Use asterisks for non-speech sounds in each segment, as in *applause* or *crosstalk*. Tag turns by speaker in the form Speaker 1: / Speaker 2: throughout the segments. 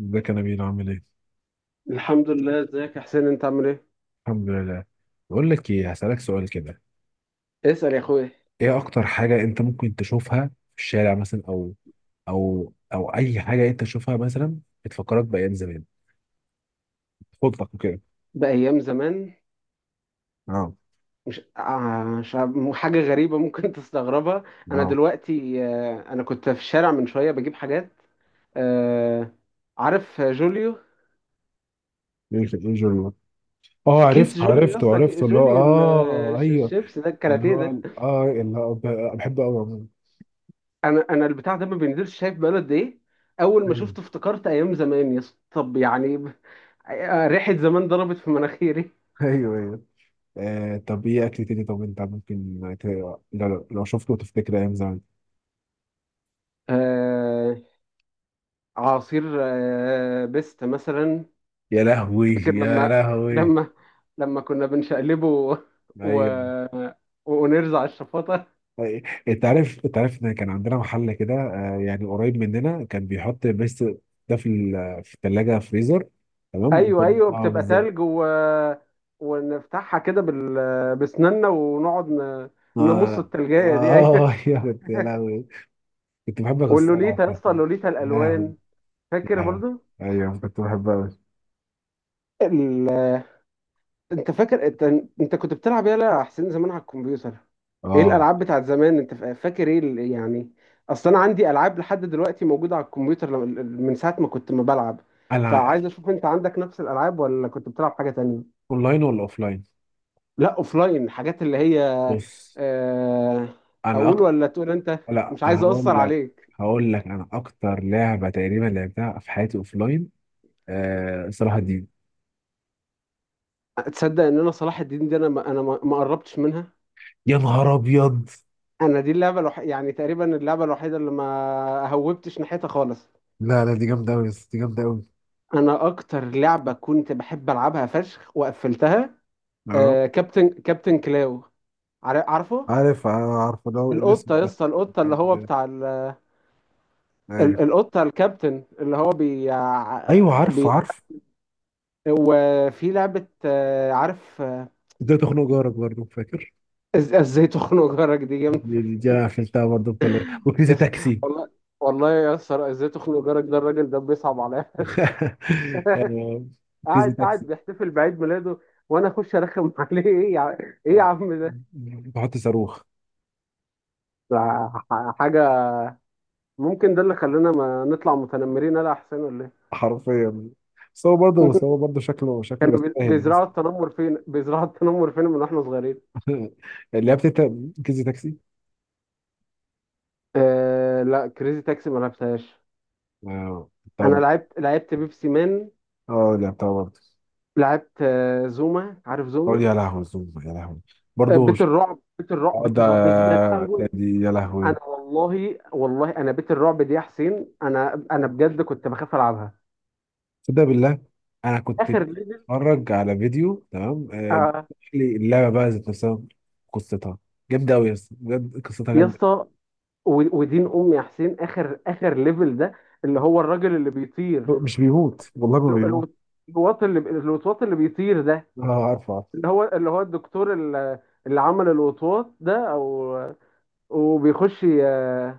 Speaker 1: ازيك يا نبيل عامل ايه؟
Speaker 2: الحمد لله، ازيك يا حسين انت عامل ايه؟
Speaker 1: الحمد لله. بقول لك ايه، هسألك سؤال كده.
Speaker 2: اسأل يا اخويا.
Speaker 1: ايه اكتر حاجة انت ممكن تشوفها في الشارع مثلا، او اي حاجة انت تشوفها مثلا، بتفكرك بأيام زمان، خطك وكده.
Speaker 2: بأيام زمان؟
Speaker 1: اه.
Speaker 2: مش عارف، حاجة غريبة ممكن *laughs* تستغربها. انا
Speaker 1: اه
Speaker 2: دلوقتي انا كنت في الشارع من شوية بجيب حاجات. آه، عارف جوليو؟
Speaker 1: إيه الجرم؟ اه،
Speaker 2: كيس جوليو يا اسطى،
Speaker 1: عرفته اللي هو،
Speaker 2: جوليو
Speaker 1: ايوه،
Speaker 2: الشيبس ده،
Speaker 1: اللي
Speaker 2: الكاراتيه
Speaker 1: هو
Speaker 2: ده.
Speaker 1: اللي هو بحبه قوي عموما.
Speaker 2: انا البتاع ده ما بينزلش، شايف بقاله قد ايه؟ اول ما
Speaker 1: ايوه.
Speaker 2: شفته افتكرت ايام زمان يا اسطى، طب يعني ريحة زمان ضربت في مناخيري.
Speaker 1: *laughs* ايوه ايوه. آه، طب ايه اكل تاني؟ طب انت ممكن لو شفته تفتكر ايام زمان؟
Speaker 2: آه، عصير بيست مثلا.
Speaker 1: يا لهوي
Speaker 2: فاكر
Speaker 1: يا
Speaker 2: لما
Speaker 1: لهوي.
Speaker 2: لما لما كنا بنشقلبه و... و...
Speaker 1: ايوه.
Speaker 2: ونرزع على الشفاطة.
Speaker 1: انت عارف، ان كان عندنا محل كده، يعني قريب مننا، كان بيحط بس ده في الثلاجه فريزر. تمام.
Speaker 2: ايوه
Speaker 1: وكنا
Speaker 2: ايوه، بتبقى
Speaker 1: بالظبط.
Speaker 2: تلج و... ونفتحها كده بال... بسناننا ونقعد ن... نمص
Speaker 1: اه.
Speaker 2: التلجاية دي، ايوه.
Speaker 1: اه. *laughs* يا كنت يا لهوي، كنت بحب اكسرها،
Speaker 2: واللوليتا يا اسطى،
Speaker 1: فاهم؟
Speaker 2: لوليتا
Speaker 1: يا لهوي
Speaker 2: الالوان،
Speaker 1: يا
Speaker 2: فاكر
Speaker 1: لهوي.
Speaker 2: برضو؟
Speaker 1: ايوه، كنت بحبها قوي.
Speaker 2: ال... انت فاكر انت؟ انت كنت بتلعب يالا يا حسين زمان على الكمبيوتر، ايه
Speaker 1: اه.
Speaker 2: الالعاب بتاعت زمان انت فاكر ايه يعني؟ اصل انا عندي العاب لحد دلوقتي موجوده على الكمبيوتر من ساعه ما كنت ما بلعب،
Speaker 1: انا
Speaker 2: فعايز اشوف انت عندك نفس الالعاب ولا كنت بتلعب حاجه تانية.
Speaker 1: اونلاين ولا اوفلاين؟
Speaker 2: لا اوفلاين، حاجات اللي هي
Speaker 1: بص.
Speaker 2: آه،
Speaker 1: انا
Speaker 2: اقول
Speaker 1: اكتر.
Speaker 2: ولا تقول انت؟
Speaker 1: لا،
Speaker 2: مش عايز اقصر
Speaker 1: هقول لك.
Speaker 2: عليك.
Speaker 1: هقول لك، انا اكتر لعبه تقريبا لعبتها في حياتي اوفلاين، آه، صلاح الدين.
Speaker 2: تصدق ان انا صلاح الدين دي انا ما قربتش منها؟
Speaker 1: يا نهار ابيض.
Speaker 2: انا دي اللعبه الوحيده يعني، تقريبا اللعبه الوحيده اللي ما هوبتش ناحيتها خالص.
Speaker 1: لا لا، دي جامدة أوي يا اسطى، دي جامدة أوي.
Speaker 2: انا اكتر لعبه كنت بحب العبها فشخ وقفلتها،
Speaker 1: اه،
Speaker 2: آه، كابتن كلاو. عارفه؟
Speaker 1: عارف عارف اللي هو الاسم
Speaker 2: القطه يا
Speaker 1: ده.
Speaker 2: اسطى، القطه اللي هو
Speaker 1: *laughs*
Speaker 2: بتاع ال...
Speaker 1: ايوه
Speaker 2: القطه الكابتن اللي هو بي,
Speaker 1: ايوه، عارف
Speaker 2: بي...
Speaker 1: عارف.
Speaker 2: وفي لعبه آه، عارف آه،
Speaker 1: ازاي تخنق جارك، برضه فاكر؟
Speaker 2: ازاي تخنق جارك، دي جامده فشخ.
Speaker 1: دي أنا قفلتها برضه كلها، وكريزي
Speaker 2: يس-
Speaker 1: تاكسي.
Speaker 2: والله، والله يا اسطى، ازاي تخنق جارك ده، الراجل ده بيصعب عليا فشخ،
Speaker 1: *laughs* آه. كريزي
Speaker 2: قاعد
Speaker 1: تاكسي.
Speaker 2: قاعد بيحتفل بعيد ميلاده وانا اخش ارخم *laughs* عليه، ايه يا ايه يا
Speaker 1: آه.
Speaker 2: عم ده؟
Speaker 1: *laughs* بحط صاروخ.
Speaker 2: ده حاجه، ممكن ده اللي خلانا ما نطلع متنمرين، انا احسن ولا ايه؟
Speaker 1: حرفيا. بس هو برضه،
Speaker 2: *laughs*
Speaker 1: شكله، شكله
Speaker 2: كانوا
Speaker 1: يستاهل.
Speaker 2: بيزرعوا التنمر فين، بيزرعوا التنمر فين من واحنا صغيرين.
Speaker 1: *laughs* لعبت انت كريزي تاكسي؟
Speaker 2: آه لا، كريزي تاكسي ما لعبتهاش.
Speaker 1: اه.
Speaker 2: انا
Speaker 1: طب.
Speaker 2: لعبت بيبسي مان،
Speaker 1: اه، لعبتها برضه.
Speaker 2: لعبت آه زوما، عارف
Speaker 1: اه،
Speaker 2: زوما؟
Speaker 1: يا لهوي الزوم، يا لهوي،
Speaker 2: آه،
Speaker 1: برضه. اه.
Speaker 2: بيت الرعب دي يا لهوي،
Speaker 1: دي يا لهوي.
Speaker 2: انا والله والله، انا بيت الرعب دي يا حسين، انا بجد كنت بخاف العبها.
Speaker 1: تصدق بالله؟ انا كنت
Speaker 2: اخر ليفل
Speaker 1: بتفرج على فيديو، تمام، آه،
Speaker 2: آه
Speaker 1: بيحكي لي اللعبه بقى ذات نفسها، قصتها. جامده قوي يا اسطى، بجد قصتها
Speaker 2: يا
Speaker 1: جامده.
Speaker 2: اسطى، ودين امي يا حسين، اخر ليفل ده، اللي هو الراجل اللي بيطير،
Speaker 1: مش بيموت، والله ما
Speaker 2: الو-
Speaker 1: بيموت.
Speaker 2: الوطواط اللي بيطير ده،
Speaker 1: اه، عارفه عارفه.
Speaker 2: اللي هو الدكتور اللي عمل الوطواط ده، او وبيخش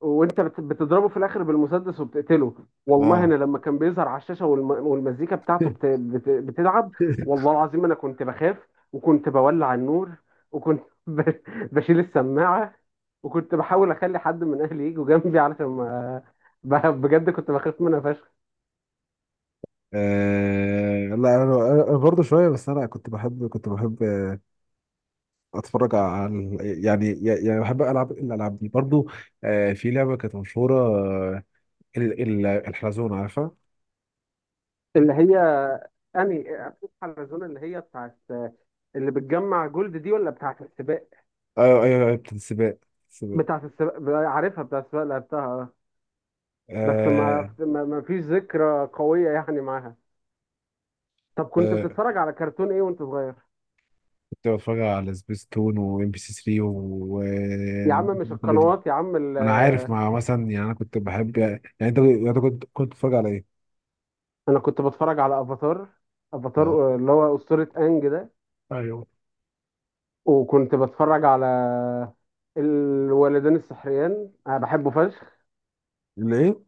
Speaker 2: وانت بتضربه في الاخر بالمسدس وبتقتله. والله انا
Speaker 1: اه.
Speaker 2: لما كان بيظهر على الشاشه والمزيكا بتاعته بتلعب، والله
Speaker 1: *laughs*
Speaker 2: العظيم انا كنت بخاف وكنت بولع النور، وكنت *laughs* بشيل السماعه، وكنت بحاول اخلي حد من اهلي يجوا جنبي علشان ما بجد كنت بخاف منها فشخ.
Speaker 1: آه، لا انا، أنا برضه شويه، بس انا كنت بحب، كنت بحب اتفرج على، يعني، يعني بحب العب الالعاب دي برضه. آه، في لعبه كانت مشهوره، آه، الحلزون، عارفها؟
Speaker 2: اللي هي اني افوز على الزون اللي هي بتاعت، اللي بتجمع جولد دي ولا بتاعت السباق؟
Speaker 1: ايوه ايوه. أيوة، بتاعت السباق. السباق.
Speaker 2: بتاعت السباق، عارفها بتاعت السباق، لعبتها آه. بس ما
Speaker 1: آه.
Speaker 2: ما ما فيش ذكرى قوية يعني معاها. طب كنت
Speaker 1: آه،
Speaker 2: بتتفرج على كرتون ايه وانت صغير؟
Speaker 1: كنت بتفرج على سبيس تون وام بي سي 3 و
Speaker 2: يا عم مش
Speaker 1: الجملة دي.
Speaker 2: القنوات يا عم
Speaker 1: ما انا عارف، مع مثلا، يعني انا كنت بحب، يعني. يعني انت، كنت بتتفرج على ايه؟
Speaker 2: انا كنت بتفرج على افاتار،
Speaker 1: اه.
Speaker 2: افاتار آه، اللي هو أسطورة انج ده.
Speaker 1: ايوه.
Speaker 2: وكنت بتفرج على الولدين السحريان، انا بحبه فشخ،
Speaker 1: اللي ايه؟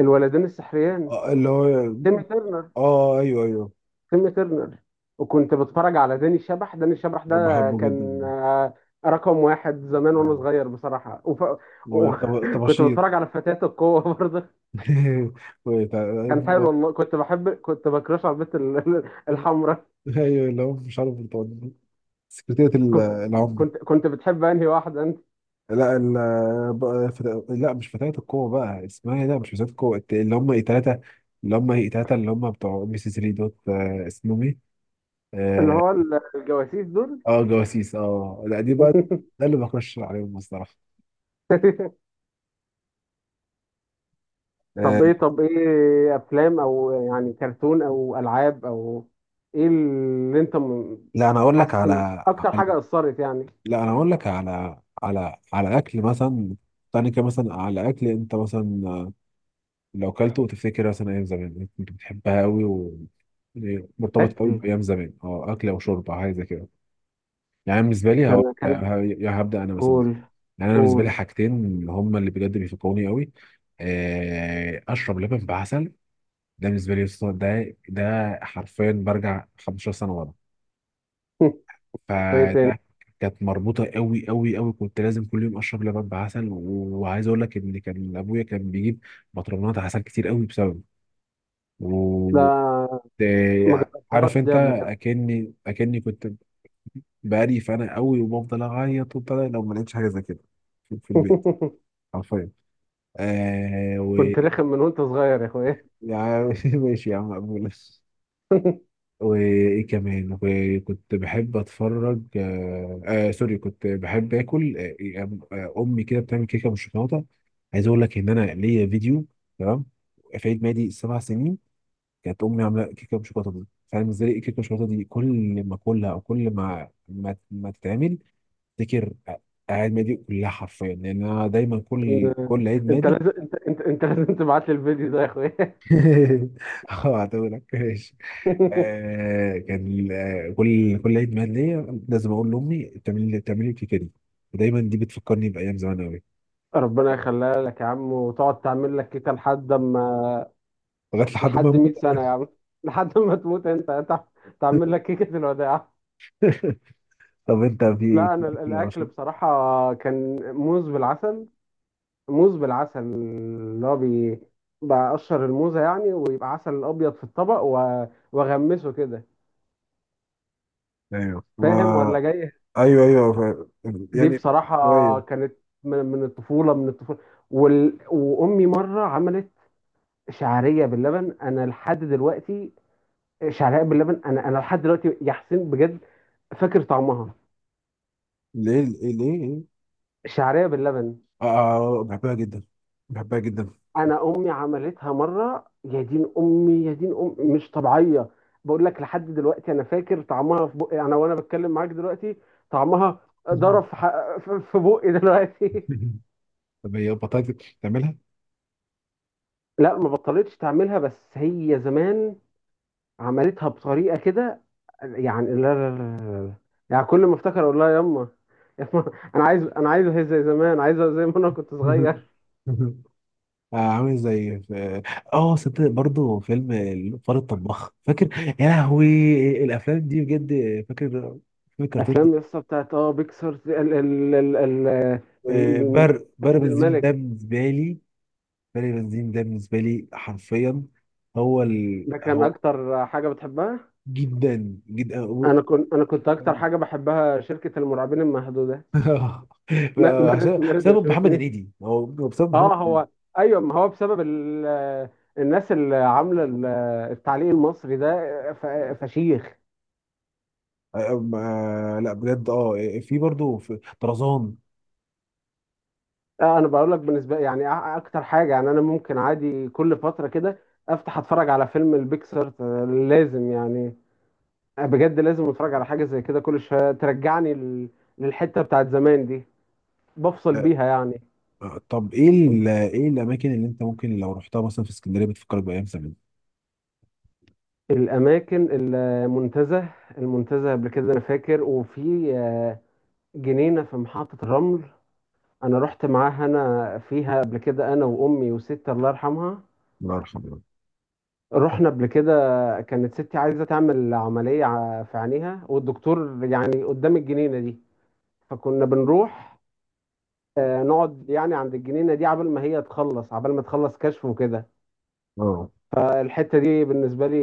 Speaker 2: الولدين السحريان،
Speaker 1: آه، اللي هو.
Speaker 2: تيمي ترنر،
Speaker 1: اه ايوه ايوه.
Speaker 2: تيم ترنر. وكنت بتفرج على داني الشبح، داني الشبح ده
Speaker 1: هو بحبه
Speaker 2: كان
Speaker 1: جدا.
Speaker 2: آه، رقم واحد زمان وانا صغير بصراحة. وف... و... *laughs* كنت
Speaker 1: وطباشير.
Speaker 2: بتفرج على فتاة القوة *laughs* برضه،
Speaker 1: *laughs*
Speaker 2: كان حلو والله، كنت بكرش على البنت *laughs* الحمراء.
Speaker 1: ايوه، اللي هو مش عارف سكرتيرة
Speaker 2: كنت
Speaker 1: العمدة.
Speaker 2: كنت بتحب انهي واحدة انت؟
Speaker 1: لا، ال، بقى فتا... لا، مش فتاة القوة بقى، اسمها ايه ده؟ مش فتاة القوة، اللي هم ايه، تلاتة، اللي هم بتوع ام بي سي 3 دوت، آه، اسمهم ايه؟
Speaker 2: اللي
Speaker 1: اه.
Speaker 2: هو الجواسيس دول.
Speaker 1: آه، جواسيس. اه لا، دي بقى ده اللي بخش عليهم الصراحة.
Speaker 2: *laughs* طب
Speaker 1: آه.
Speaker 2: ايه، طب ايه افلام او يعني كرتون او العاب او ايه اللي انت
Speaker 1: لا انا اقول لك
Speaker 2: حاسس إن
Speaker 1: على
Speaker 2: اكتر حاجة اثرت يعني؟
Speaker 1: لا انا اقول لك على اكل مثلا، تاني كده. مثلا على اكل انت مثلا، آه، لو كلته وتفتكر مثلا ايام زمان كنت بتحبها قوي، ومرتبط قوي
Speaker 2: فاكر
Speaker 1: بايام زمان، اه، اكل او شرب او حاجه زي كده. يعني أنا بالنسبه لي هو...
Speaker 2: كان كانت،
Speaker 1: هبدا انا مثلا.
Speaker 2: قول،
Speaker 1: يعني انا بالنسبه لي
Speaker 2: قول.
Speaker 1: حاجتين هم اللي بجد بيفكروني قوي، آه، اشرب لبن بعسل. ده بالنسبه لي يسطا، ده ده حرفيا برجع 15 سنه ورا.
Speaker 2: *laughs* وايه تاني؟
Speaker 1: فده كانت مربوطه قوي قوي قوي، كنت لازم كل يوم اشرب لبن بعسل، وعايز اقول لك ان كان ابويا كان بيجيب بطرمات عسل كتير قوي بسببه. و،
Speaker 2: لا ما
Speaker 1: آه، عارف
Speaker 2: جربتهاش
Speaker 1: انت،
Speaker 2: دي قبل كده.
Speaker 1: اكني كنت بقالي فانا قوي، وبفضل اعيط وبتاع لو ما لقيتش حاجه زي كده في, البيت.
Speaker 2: *laughs*
Speaker 1: حرفيا. آه. و.
Speaker 2: كنت رخم من وانت صغير يا اخويا. *laughs*
Speaker 1: يعني *laughs* ماشي يا عم، مقبول. *laughs* وايه كمان؟ وكنت بحب اتفرج، آه, آه سوري، كنت بحب اكل، آه. آه، امي كده بتعمل كيكه بالشوكولاته. عايز اقول لك ان انا ليا فيديو، تمام، في عيد ميلادي سبع سنين، كانت امي عامله كيكه بالشوكولاته دي. فانا بالنسبه لي الكيكه بالشوكولاته دي كل ما اكلها، او كل ما تتعمل، افتكر اعياد ميلادي كلها حرفيا، لان انا دايما كل عيد
Speaker 2: انت
Speaker 1: ميلادي.
Speaker 2: لازم انت لازم تبعت لي الفيديو ده يا اخويا.
Speaker 1: *laughs* اه هتقولك ماشي.
Speaker 2: *laughs*
Speaker 1: آه، كان آه، كل عيد ميلاد ليا لازم اقول لامي تعمل لي كيكه دي. ودايما دي بتفكرني بايام زمان قوي.
Speaker 2: ربنا يخليها لك يا عم، وتقعد تعمل لك كيكه لحد ما،
Speaker 1: لغايه، لحد ما
Speaker 2: لحد
Speaker 1: اموت.
Speaker 2: 100 سنه يا عم، *laughs* لحد ما تموت انت تعمل لك كيكه الوداع.
Speaker 1: *laughs* طب انت، في
Speaker 2: لا
Speaker 1: في
Speaker 2: انا
Speaker 1: اكل او
Speaker 2: الاكل
Speaker 1: شرب؟
Speaker 2: بصراحه كان موز بالعسل، موز بالعسل اللي هو بقشر الموزة يعني، ويبقى عسل أبيض في الطبق وأغمسه كده،
Speaker 1: ايوه، و...
Speaker 2: فاهم ولا جاي؟
Speaker 1: ايوه ايوه، ف...
Speaker 2: دي
Speaker 1: يعني
Speaker 2: بصراحة
Speaker 1: شويه.
Speaker 2: كانت من الطفولة، من الطفولة. وال... وأمي مرة عملت شعرية باللبن، أنا لحد دلوقتي، شعرية باللبن أنا لحد دلوقتي يا حسين بجد فاكر طعمها،
Speaker 1: ليه ليه ليه؟
Speaker 2: شعرية باللبن.
Speaker 1: آه، بحبها جدا. بحبها جدا.
Speaker 2: انا امي عملتها مره، يا دين امي، يا دين امي مش طبيعيه، بقول لك لحد دلوقتي انا فاكر طعمها في بقي انا وانا بتكلم معاك دلوقتي، طعمها ضرب في في بقي دلوقتي.
Speaker 1: *laughs* طب هي بطاطا تعملها؟
Speaker 2: *laughs* لا ما بطلتش تعملها، بس هي زمان عملتها بطريقه كده، يعني لا لا لا لا لا. يعني كل ما افتكر اقول لها يما، يما، *laughs* انا عايز هي زي زمان، عايزها زي ما انا كنت صغير.
Speaker 1: مهم. مهم. آه، عامل زي في، اه، صدق برضه فيلم الفار الطباخ، فاكر؟ يا لهوي الافلام دي بجد. فاكر فاكر الكرتون دي.
Speaker 2: افلام يسطا بتاعت اه بيكسر ال ال ال- ال-
Speaker 1: بر. بر
Speaker 2: اسد
Speaker 1: بنزين ده
Speaker 2: الملك،
Speaker 1: بالنسبه لي. بر بنزين ده بالنسبه لي حرفيا. هو ال...
Speaker 2: ده كان
Speaker 1: هو.
Speaker 2: اكتر حاجه بتحبها.
Speaker 1: جدا جدا.
Speaker 2: انا كنت اكتر حاجه بحبها شركه المرعبين المحدوده. *laughs*
Speaker 1: *laughs*
Speaker 2: ما- ما-
Speaker 1: عشان
Speaker 2: ما رضوش.
Speaker 1: بسبب محمد هنيدي، هو بسبب محمد.
Speaker 2: اه هو، ايوه ما هو بسبب ال... الناس اللي عامله التعليق المصري ده، ف... فشيخ.
Speaker 1: آه. آه، لا بجد، اه، في برضه في طرزان.
Speaker 2: آه انا بقول لك بالنسبه يعني اكتر حاجه يعني انا ممكن عادي كل فتره كده افتح اتفرج على فيلم البيكسر، لازم يعني، آه، بجد لازم اتفرج على حاجه زي كده كل شويه ترجعني للحته بتاعت زمان دي، بفصل بيها يعني.
Speaker 1: آه، طب ايه ايه الاماكن اللي انت ممكن لو رحتها مثلا في اسكندريه بتفكرك بايام زمان؟
Speaker 2: الأماكن، المنتزه، المنتزه قبل كده أنا فاكر، وفي آه، جنينة في محطة الرمل، أنا رحت معاها، أنا فيها قبل كده أنا وأمي وستي الله يرحمها،
Speaker 1: الله يرحمه.
Speaker 2: رحنا قبل كده. كانت ستي عايزة تعمل عملية في عينيها، والدكتور يعني قدام الجنينة دي، فكنا بنروح آه، نقعد يعني عند الجنينة دي عبال ما هي تخلص، عبال ما تخلص كشف وكده.
Speaker 1: اه،
Speaker 2: فالحتة دي بالنسبة لي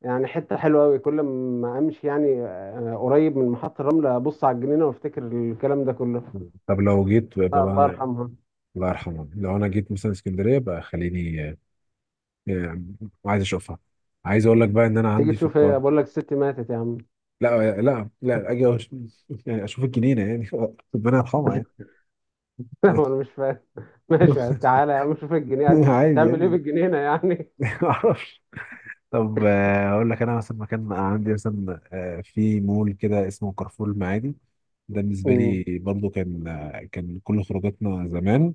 Speaker 2: يعني حتة حلوة أوي، كل ما أمشي يعني آه، قريب من محطة الرمل أبص على الجنينة وأفتكر الكلام ده كله،
Speaker 1: طب لو جيت بقى
Speaker 2: آه، الله يرحمها.
Speaker 1: الله يرحمه. لو انا جيت مثلا اسكندريه بقى، خليني، آه، آه، عايز اشوفها. عايز اقول لك بقى ان انا
Speaker 2: تيجي
Speaker 1: عندي في
Speaker 2: تشوف
Speaker 1: القاهره.
Speaker 2: إيه، بقول لك الست ماتت يا عم.
Speaker 1: لا لا لا، اجي *laughs* يعني اشوف الجنينه يعني، *laughs* ربنا يرحمها،
Speaker 2: *laughs*
Speaker 1: يعني.
Speaker 2: هو أنا مش فاهم، *laughs* ماشي
Speaker 1: *laughs*
Speaker 2: تعالى يا عم شوف الجنينة،
Speaker 1: عادي
Speaker 2: تعمل إيه
Speaker 1: يعني.
Speaker 2: بالجنينة يعني؟
Speaker 1: *laughs* طب، آه، اقول لك انا مثلا مكان عندي مثلا، آه، في مول كده اسمه كارفور المعادي. ده
Speaker 2: *laughs*
Speaker 1: بالنسبه لي
Speaker 2: أمم.
Speaker 1: برضو، كان آه، كان كل خروجاتنا زمان،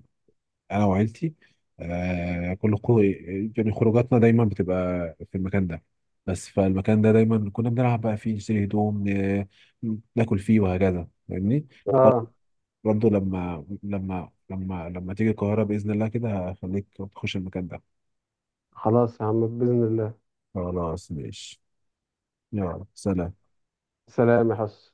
Speaker 1: انا وعيلتي، آه، كل يعني خروجاتنا دايما بتبقى في المكان ده. بس فالمكان ده دايما كنا بنلعب بقى فيه، نشتري هدوم، ناكل فيه وهكذا، فاهمني؟ برضو.
Speaker 2: آه
Speaker 1: برضو، لما تيجي القاهره باذن الله كده، هخليك تخش المكان ده.
Speaker 2: خلاص يا عم بإذن الله.
Speaker 1: خلاص ماشي. يلا سلام.
Speaker 2: سلام يا حس